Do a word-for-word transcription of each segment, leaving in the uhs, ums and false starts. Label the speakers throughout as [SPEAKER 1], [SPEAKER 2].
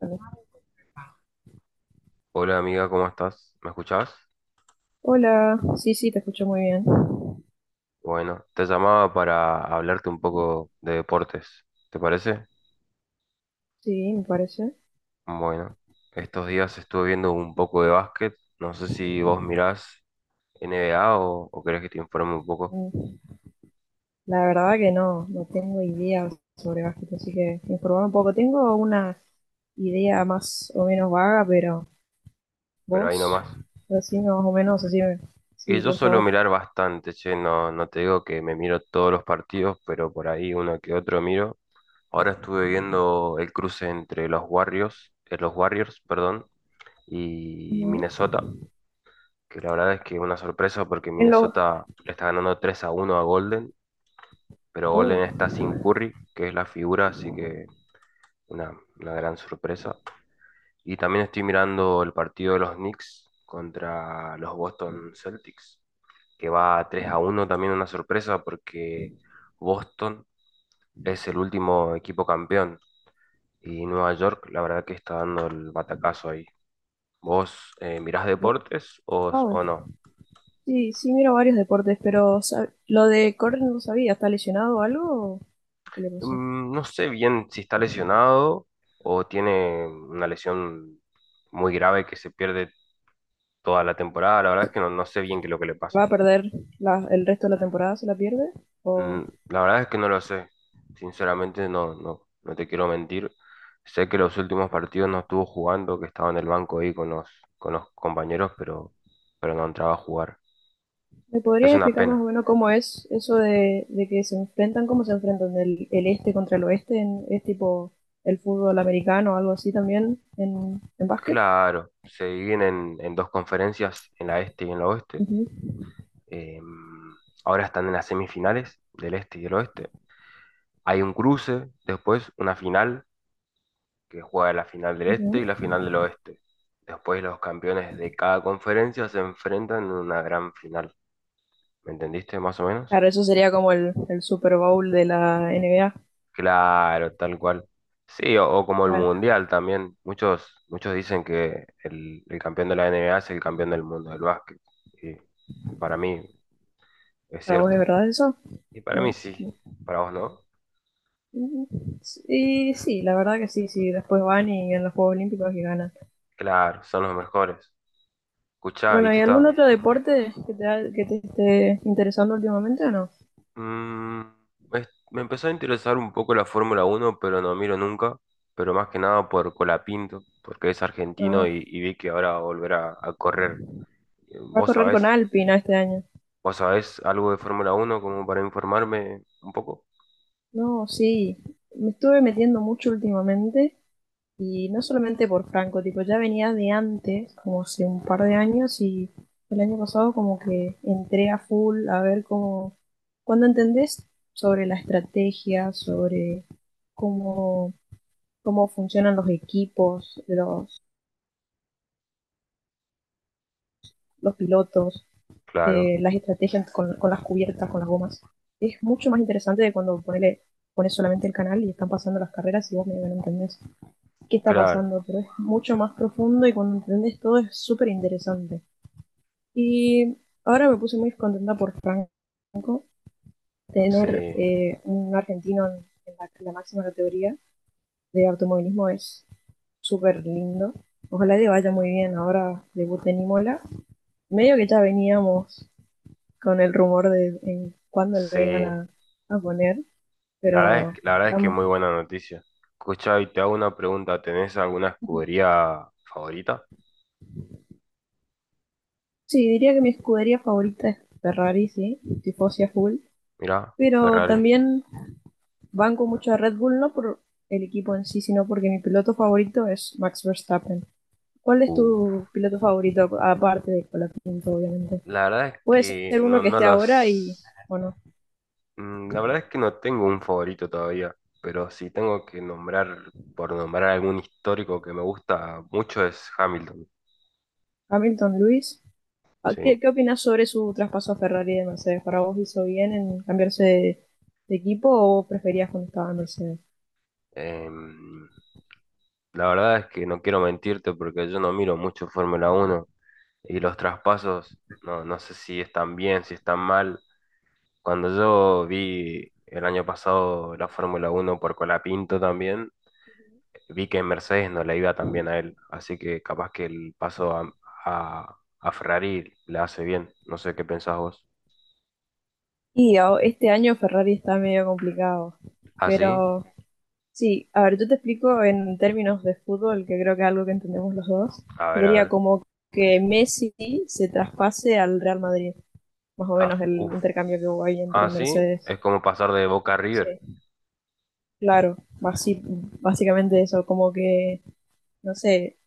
[SPEAKER 1] Vale.
[SPEAKER 2] Hola amiga, ¿cómo estás? ¿Me escuchás?
[SPEAKER 1] Hola, sí, sí, te escucho muy bien.
[SPEAKER 2] Bueno, te llamaba para hablarte un poco de deportes, ¿te parece?
[SPEAKER 1] Sí, me parece.
[SPEAKER 2] Bueno, estos días estuve viendo un poco de básquet, no sé si vos mirás N B A o, o querés que te informe un poco,
[SPEAKER 1] Mm, La verdad que no, no tengo idea sobre básquet, así que informar un poco. Tengo una idea más o menos vaga, pero
[SPEAKER 2] pero ahí
[SPEAKER 1] vos,
[SPEAKER 2] nomás.
[SPEAKER 1] decime más o menos, decime.
[SPEAKER 2] Y
[SPEAKER 1] Sí,
[SPEAKER 2] yo
[SPEAKER 1] por
[SPEAKER 2] suelo
[SPEAKER 1] favor.
[SPEAKER 2] mirar bastante, che, no, no te digo que me miro todos los partidos, pero por ahí uno que otro miro. Ahora estuve viendo el cruce entre los Warriors, eh, los Warriors, perdón, y
[SPEAKER 1] Ujú.
[SPEAKER 2] Minnesota, que la verdad es que una sorpresa porque
[SPEAKER 1] En lo...
[SPEAKER 2] Minnesota le está ganando tres a uno a Golden, pero
[SPEAKER 1] Oh,
[SPEAKER 2] Golden está sin Curry, que es la figura, así que una, una gran sorpresa. Y también estoy mirando el partido de los Knicks contra los Boston Celtics, que va tres a uno, también una sorpresa porque Boston es el último equipo campeón y Nueva York la verdad que está dando el batacazo ahí. ¿Vos eh, mirás deportes o,
[SPEAKER 1] wow.
[SPEAKER 2] o no?
[SPEAKER 1] Sí, sí, miro varios deportes, pero sab- lo de correr no lo sabía. ¿Está lesionado o algo? ¿Qué le pasó?
[SPEAKER 2] Mm, no sé bien si está lesionado o tiene una lesión muy grave que se pierde toda la temporada. La verdad es que no, no sé bien qué es lo que le pasa.
[SPEAKER 1] ¿Va a perder la- el resto de la temporada? ¿Se la pierde? ¿O...?
[SPEAKER 2] Mm, la verdad es que no lo sé. Sinceramente, no, no, no te quiero mentir. Sé que los últimos partidos no estuvo jugando, que estaba en el banco ahí con los, con los compañeros, pero, pero no entraba a jugar.
[SPEAKER 1] ¿Me podrías
[SPEAKER 2] Es una
[SPEAKER 1] explicar más o
[SPEAKER 2] pena.
[SPEAKER 1] menos cómo es eso de, de que se enfrentan, cómo se enfrentan el, el este contra el oeste? En, ¿Es tipo el fútbol americano o algo así también en, en básquet?
[SPEAKER 2] Claro, se dividen en, en dos conferencias, en la este y en la oeste.
[SPEAKER 1] Ujú,
[SPEAKER 2] Eh, ahora están en las semifinales del este y del oeste. Hay un cruce, después una final, que juega la final del
[SPEAKER 1] ujú.
[SPEAKER 2] este y la final del oeste. Después los campeones de cada conferencia se enfrentan en una gran final. ¿Me entendiste más o
[SPEAKER 1] Claro,
[SPEAKER 2] menos?
[SPEAKER 1] eso sería como el, el Super Bowl de la N B A.
[SPEAKER 2] Claro, tal cual. Sí, o, o como el
[SPEAKER 1] Claro,
[SPEAKER 2] Mundial también. Muchos, muchos dicen que el, el campeón de la N B A es el campeón del mundo del básquet. Y para mí es
[SPEAKER 1] ¿para vos es
[SPEAKER 2] cierto.
[SPEAKER 1] verdad eso?
[SPEAKER 2] Y para mí
[SPEAKER 1] No,
[SPEAKER 2] sí.
[SPEAKER 1] no.
[SPEAKER 2] Para vos no.
[SPEAKER 1] Sí, sí, la verdad que sí, sí. Después van y en los Juegos Olímpicos y ganan.
[SPEAKER 2] Claro, son los mejores. Escuchá,
[SPEAKER 1] Bueno,
[SPEAKER 2] viste,
[SPEAKER 1] ¿y algún
[SPEAKER 2] está.
[SPEAKER 1] otro deporte que te, ha- que te esté interesando últimamente o no?
[SPEAKER 2] mm, es- Me empezó a interesar un poco la Fórmula Uno, pero no miro nunca. Pero más que nada por Colapinto, porque es argentino
[SPEAKER 1] Ah,
[SPEAKER 2] y, y vi que ahora va a volver a, a correr. Eh,
[SPEAKER 1] va a
[SPEAKER 2] ¿Vos
[SPEAKER 1] correr con
[SPEAKER 2] sabés?
[SPEAKER 1] Alpina este año.
[SPEAKER 2] ¿Vos sabés algo de Fórmula Uno como para informarme un poco?
[SPEAKER 1] No, sí, me estuve metiendo mucho últimamente y no solamente por Franco, tipo, ya venía de antes, como hace un par de años y el año pasado como que entré a full a ver cómo, cuando entendés sobre la estrategia, sobre cómo, cómo funcionan los equipos, los, los pilotos,
[SPEAKER 2] Claro,
[SPEAKER 1] eh, las estrategias con, con las cubiertas, con las gomas, es mucho más interesante de cuando ponele, pones solamente el canal y están pasando las carreras y vos medio que no entendés qué está
[SPEAKER 2] claro,
[SPEAKER 1] pasando, pero es mucho más profundo y cuando entendés todo es súper interesante. Y ahora me puse muy contenta por Franco, tener
[SPEAKER 2] sí,
[SPEAKER 1] eh, un argentino en la, en la máxima categoría de automovilismo es súper lindo. Ojalá le vaya muy bien ahora debut en Imola. Medio que ya veníamos con el rumor de en cuándo lo iban
[SPEAKER 2] sí.
[SPEAKER 1] a, a poner,
[SPEAKER 2] La verdad es,
[SPEAKER 1] pero
[SPEAKER 2] que- la verdad es que
[SPEAKER 1] estamos.
[SPEAKER 2] muy buena noticia. Escuchá, y te hago una pregunta. ¿Tenés alguna escudería favorita?
[SPEAKER 1] Sí, diría que mi escudería favorita es Ferrari, sí, tifosi a full.
[SPEAKER 2] Mirá,
[SPEAKER 1] Pero
[SPEAKER 2] Ferrari.
[SPEAKER 1] también banco mucho a Red Bull, no por el equipo en sí, sino porque mi piloto favorito es Max Verstappen. ¿Cuál es
[SPEAKER 2] Uh,
[SPEAKER 1] tu piloto favorito, aparte de Colapinto, obviamente?
[SPEAKER 2] la verdad es
[SPEAKER 1] Puede
[SPEAKER 2] que
[SPEAKER 1] ser uno
[SPEAKER 2] no,
[SPEAKER 1] que
[SPEAKER 2] no
[SPEAKER 1] esté ahora y,
[SPEAKER 2] los...
[SPEAKER 1] bueno,
[SPEAKER 2] Mm, la verdad es que no tengo un favorito todavía, pero si tengo que nombrar, por nombrar algún histórico que me gusta mucho es Hamilton,
[SPEAKER 1] Hamilton Lewis.
[SPEAKER 2] ¿sí?
[SPEAKER 1] ¿Qué, qué opinas sobre su traspaso a Ferrari de Mercedes? ¿Para vos hizo bien en cambiarse de, de equipo o preferías cuando estaba en Mercedes?
[SPEAKER 2] Em, la verdad es que no quiero mentirte porque yo no miro mucho Fórmula uno y los traspasos, no, no sé si están bien, si están mal. Cuando yo vi el año pasado la Fórmula uno por Colapinto también, vi que en Mercedes no le iba tan bien a él, así que capaz que el paso a, a- a Ferrari le hace bien. No sé qué pensás vos.
[SPEAKER 1] Y oh, este año Ferrari está medio complicado,
[SPEAKER 2] Así,
[SPEAKER 1] pero sí, a ver, yo te explico en términos de fútbol, que creo que es algo que entendemos los dos.
[SPEAKER 2] a ver, a
[SPEAKER 1] Sería
[SPEAKER 2] ver.
[SPEAKER 1] como que Messi se traspase al Real Madrid, más o
[SPEAKER 2] Ah,
[SPEAKER 1] menos el
[SPEAKER 2] uff.
[SPEAKER 1] intercambio que hubo ahí entre
[SPEAKER 2] Así
[SPEAKER 1] Mercedes.
[SPEAKER 2] es como pasar de Boca a River.
[SPEAKER 1] Sí, claro, basi- básicamente eso, como que, no sé,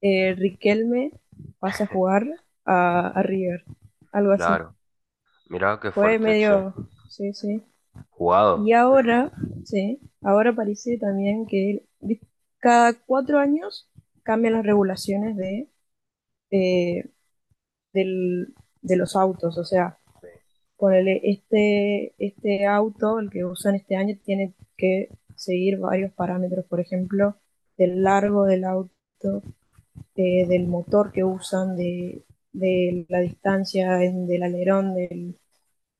[SPEAKER 1] eh, Riquelme pase a jugar a, a River, algo así.
[SPEAKER 2] Claro, mirá qué
[SPEAKER 1] Fue
[SPEAKER 2] fuerte, che.
[SPEAKER 1] medio, sí, sí,
[SPEAKER 2] Jugado.
[SPEAKER 1] y
[SPEAKER 2] Ju-
[SPEAKER 1] ahora, sí, ahora parece también que cada cuatro años cambian las regulaciones de, eh, del- de los autos. O sea,
[SPEAKER 2] sí.
[SPEAKER 1] ponele este, este auto, el que usan este año, tiene que seguir varios parámetros, por ejemplo, del largo del auto, eh, del motor que usan, de, de la distancia, en- del alerón, del,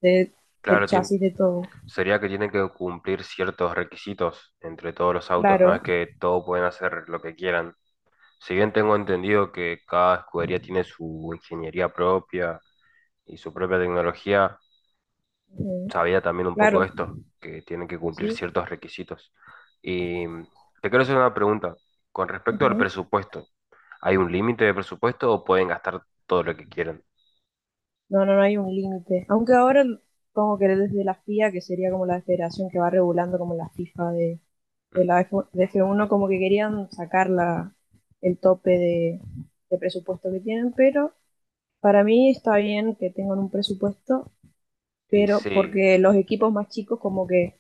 [SPEAKER 1] de- del
[SPEAKER 2] Claro, tien-
[SPEAKER 1] chasis, de todo.
[SPEAKER 2] Sería que tienen que cumplir ciertos requisitos entre todos los autos, no
[SPEAKER 1] Claro,
[SPEAKER 2] es que todos pueden hacer lo que quieran. Si bien tengo entendido que cada escudería tiene su ingeniería propia y su propia tecnología,
[SPEAKER 1] ujú,
[SPEAKER 2] sabía también un poco
[SPEAKER 1] claro,
[SPEAKER 2] esto, que tienen que cumplir
[SPEAKER 1] sí.
[SPEAKER 2] ciertos requisitos. Y mm, te quiero hacer una pregunta. Con respecto al
[SPEAKER 1] Ujú.
[SPEAKER 2] presupuesto, ¿hay un límite de presupuesto o pueden gastar todo lo que quieran?
[SPEAKER 1] No, no, no hay un límite. Aunque ahora como que desde la F I A, que sería como la federación que va regulando como la FIFA de,
[SPEAKER 2] Mm.
[SPEAKER 1] de la F, de F uno, como que querían sacar la, el tope de, de presupuesto que tienen, pero para mí está bien que tengan un presupuesto,
[SPEAKER 2] Y
[SPEAKER 1] pero
[SPEAKER 2] sí,
[SPEAKER 1] porque los equipos más chicos, como que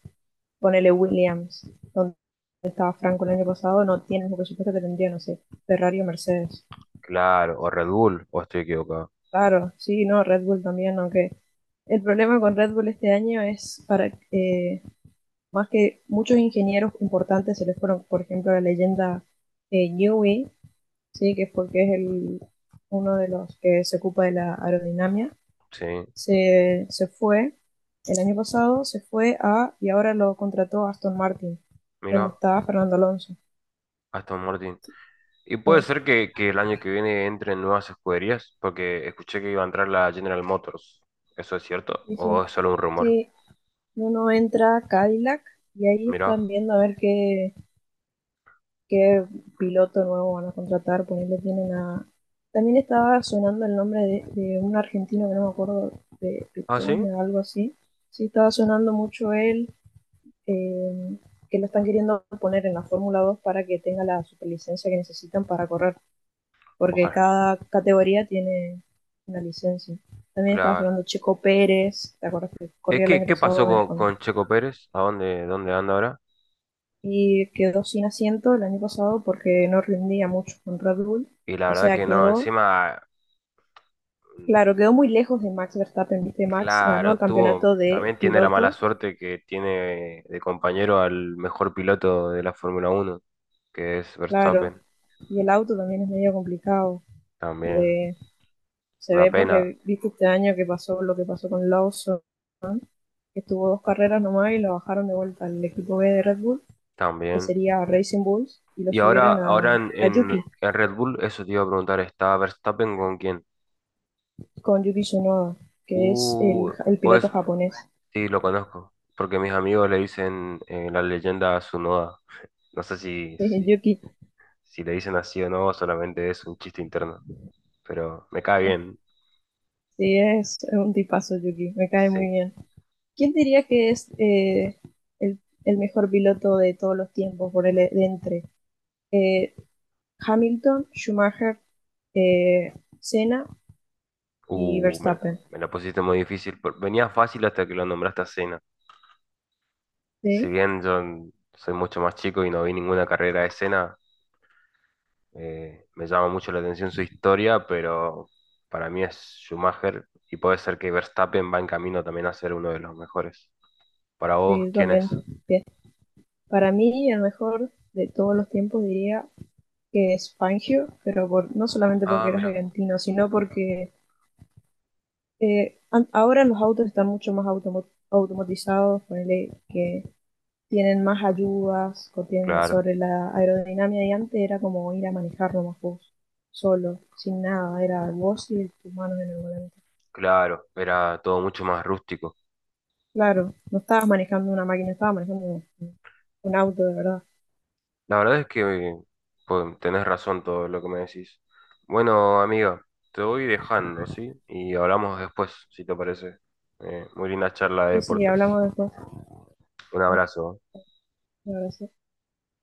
[SPEAKER 1] ponele Williams, donde estaba Franco el año pasado, no tienen el presupuesto que tendría, no sé, Ferrari o Mercedes.
[SPEAKER 2] claro, o Red Bull, o estoy equivocado.
[SPEAKER 1] Claro, sí, no, Red Bull también, aunque el problema con Red Bull este año es para eh, más que muchos ingenieros importantes se les fueron, por ejemplo, la leyenda eh, Newey, sí, que es porque es el, uno de los que se ocupa de la aerodinámica,
[SPEAKER 2] Sí,
[SPEAKER 1] se, se fue el año pasado, se fue a y ahora lo contrató Aston Martin, donde
[SPEAKER 2] mira,
[SPEAKER 1] estaba Fernando Alonso.
[SPEAKER 2] Aston Martin. Y puede
[SPEAKER 1] Sí,
[SPEAKER 2] ser que, que el año que viene entren nuevas escuderías, porque escuché que iba a entrar la General Motors. ¿Eso es cierto?
[SPEAKER 1] sí, sí.
[SPEAKER 2] ¿O es solo un rumor?
[SPEAKER 1] Sí. Uno entra a Cadillac y ahí
[SPEAKER 2] Mira.
[SPEAKER 1] están viendo a ver qué, qué piloto nuevo van a contratar, ponerle tienen a... También estaba sonando el nombre de, de un argentino que no me acuerdo, de
[SPEAKER 2] Ah, sí.
[SPEAKER 1] Petone o algo así. Sí, estaba sonando mucho él, eh, que lo están queriendo poner en la Fórmula dos para que tenga la superlicencia que necesitan para correr, porque
[SPEAKER 2] Ojalá.
[SPEAKER 1] cada categoría tiene una licencia. También estaba
[SPEAKER 2] Claro.
[SPEAKER 1] sonando Checo Pérez, ¿te acuerdas que
[SPEAKER 2] Es
[SPEAKER 1] corría el
[SPEAKER 2] que,
[SPEAKER 1] año
[SPEAKER 2] ¿qué
[SPEAKER 1] pasado
[SPEAKER 2] pasó con,
[SPEAKER 1] con
[SPEAKER 2] con Checo Pérez? ¿A dónde, dónde anda ahora?
[SPEAKER 1] y quedó sin asiento el año pasado porque no rendía mucho con Red Bull?
[SPEAKER 2] Y la
[SPEAKER 1] O
[SPEAKER 2] verdad
[SPEAKER 1] sea,
[SPEAKER 2] que no,
[SPEAKER 1] quedó,
[SPEAKER 2] encima, mm,
[SPEAKER 1] claro, quedó muy lejos de Max Verstappen, viste, Max ganó el
[SPEAKER 2] claro, tuvo,
[SPEAKER 1] campeonato de
[SPEAKER 2] también tiene la mala
[SPEAKER 1] pilotos,
[SPEAKER 2] suerte que tiene de compañero al mejor piloto de la Fórmula Uno, que es
[SPEAKER 1] claro,
[SPEAKER 2] Verstappen,
[SPEAKER 1] y el auto también es medio complicado.
[SPEAKER 2] también.
[SPEAKER 1] De, se
[SPEAKER 2] Una
[SPEAKER 1] ve
[SPEAKER 2] pena,
[SPEAKER 1] porque viste este año que pasó lo que pasó con Lawson, que estuvo dos carreras nomás y lo bajaron de vuelta al equipo B de Red Bull, que
[SPEAKER 2] también.
[SPEAKER 1] sería Racing Bulls, y lo
[SPEAKER 2] Y ahora,
[SPEAKER 1] subieron a,
[SPEAKER 2] ahora en,
[SPEAKER 1] a Yuki,
[SPEAKER 2] en, en Red Bull, eso te iba a preguntar, ¿está Verstappen con quién?
[SPEAKER 1] con Yuki Tsunoda, que es el,
[SPEAKER 2] Uh,
[SPEAKER 1] el piloto
[SPEAKER 2] pues
[SPEAKER 1] japonés.
[SPEAKER 2] sí, lo conozco, porque mis amigos le dicen eh, la leyenda Tsunoda. No sé si,
[SPEAKER 1] Sí,
[SPEAKER 2] si,
[SPEAKER 1] Yuki.
[SPEAKER 2] si le dicen así o no, solamente es un chiste interno. Pero me cae bien,
[SPEAKER 1] Sí, es un tipazo, Yuki. Me cae muy
[SPEAKER 2] sí.
[SPEAKER 1] bien. ¿Quién diría que es eh, el, el mejor piloto de todos los tiempos por el e, de entre eh, Hamilton, Schumacher, eh, Senna y
[SPEAKER 2] Uh, me, la-
[SPEAKER 1] Verstappen?
[SPEAKER 2] Me la pusiste muy difícil. por- Venía fácil hasta que lo nombraste a Senna. Si
[SPEAKER 1] Sí,
[SPEAKER 2] bien yo n- soy mucho más chico y no vi ninguna carrera de Senna, eh, me llama mucho la atención su historia, pero para mí es Schumacher y puede ser que Verstappen va en camino también a ser uno de los mejores. Para vos,
[SPEAKER 1] sí
[SPEAKER 2] ¿quién
[SPEAKER 1] también.
[SPEAKER 2] es?
[SPEAKER 1] Bien. Para mí, el mejor de todos los tiempos diría que es Fangio, pero por, no solamente porque
[SPEAKER 2] Ah,
[SPEAKER 1] era
[SPEAKER 2] mira.
[SPEAKER 1] argentino, sino porque eh, an- ahora los autos están mucho más automo automatizados, ponele que tienen más ayudas o tienen
[SPEAKER 2] Claro,
[SPEAKER 1] sobre la aerodinámica y antes era como ir a manejar nomás vos, solo, sin nada, era vos y tus manos en el volante.
[SPEAKER 2] claro. Era todo mucho más rústico.
[SPEAKER 1] Claro, no estabas manejando una máquina, estabas manejando un, un auto, de verdad.
[SPEAKER 2] La verdad es que pues, tenés razón todo lo que me decís. Bueno, amiga, te voy dejando, ¿sí? Y hablamos después, si te parece. Eh, muy linda charla de
[SPEAKER 1] Sí, sí, hablamos
[SPEAKER 2] deportes.
[SPEAKER 1] después.
[SPEAKER 2] Un
[SPEAKER 1] ¿No?
[SPEAKER 2] abrazo.
[SPEAKER 1] Un abrazo.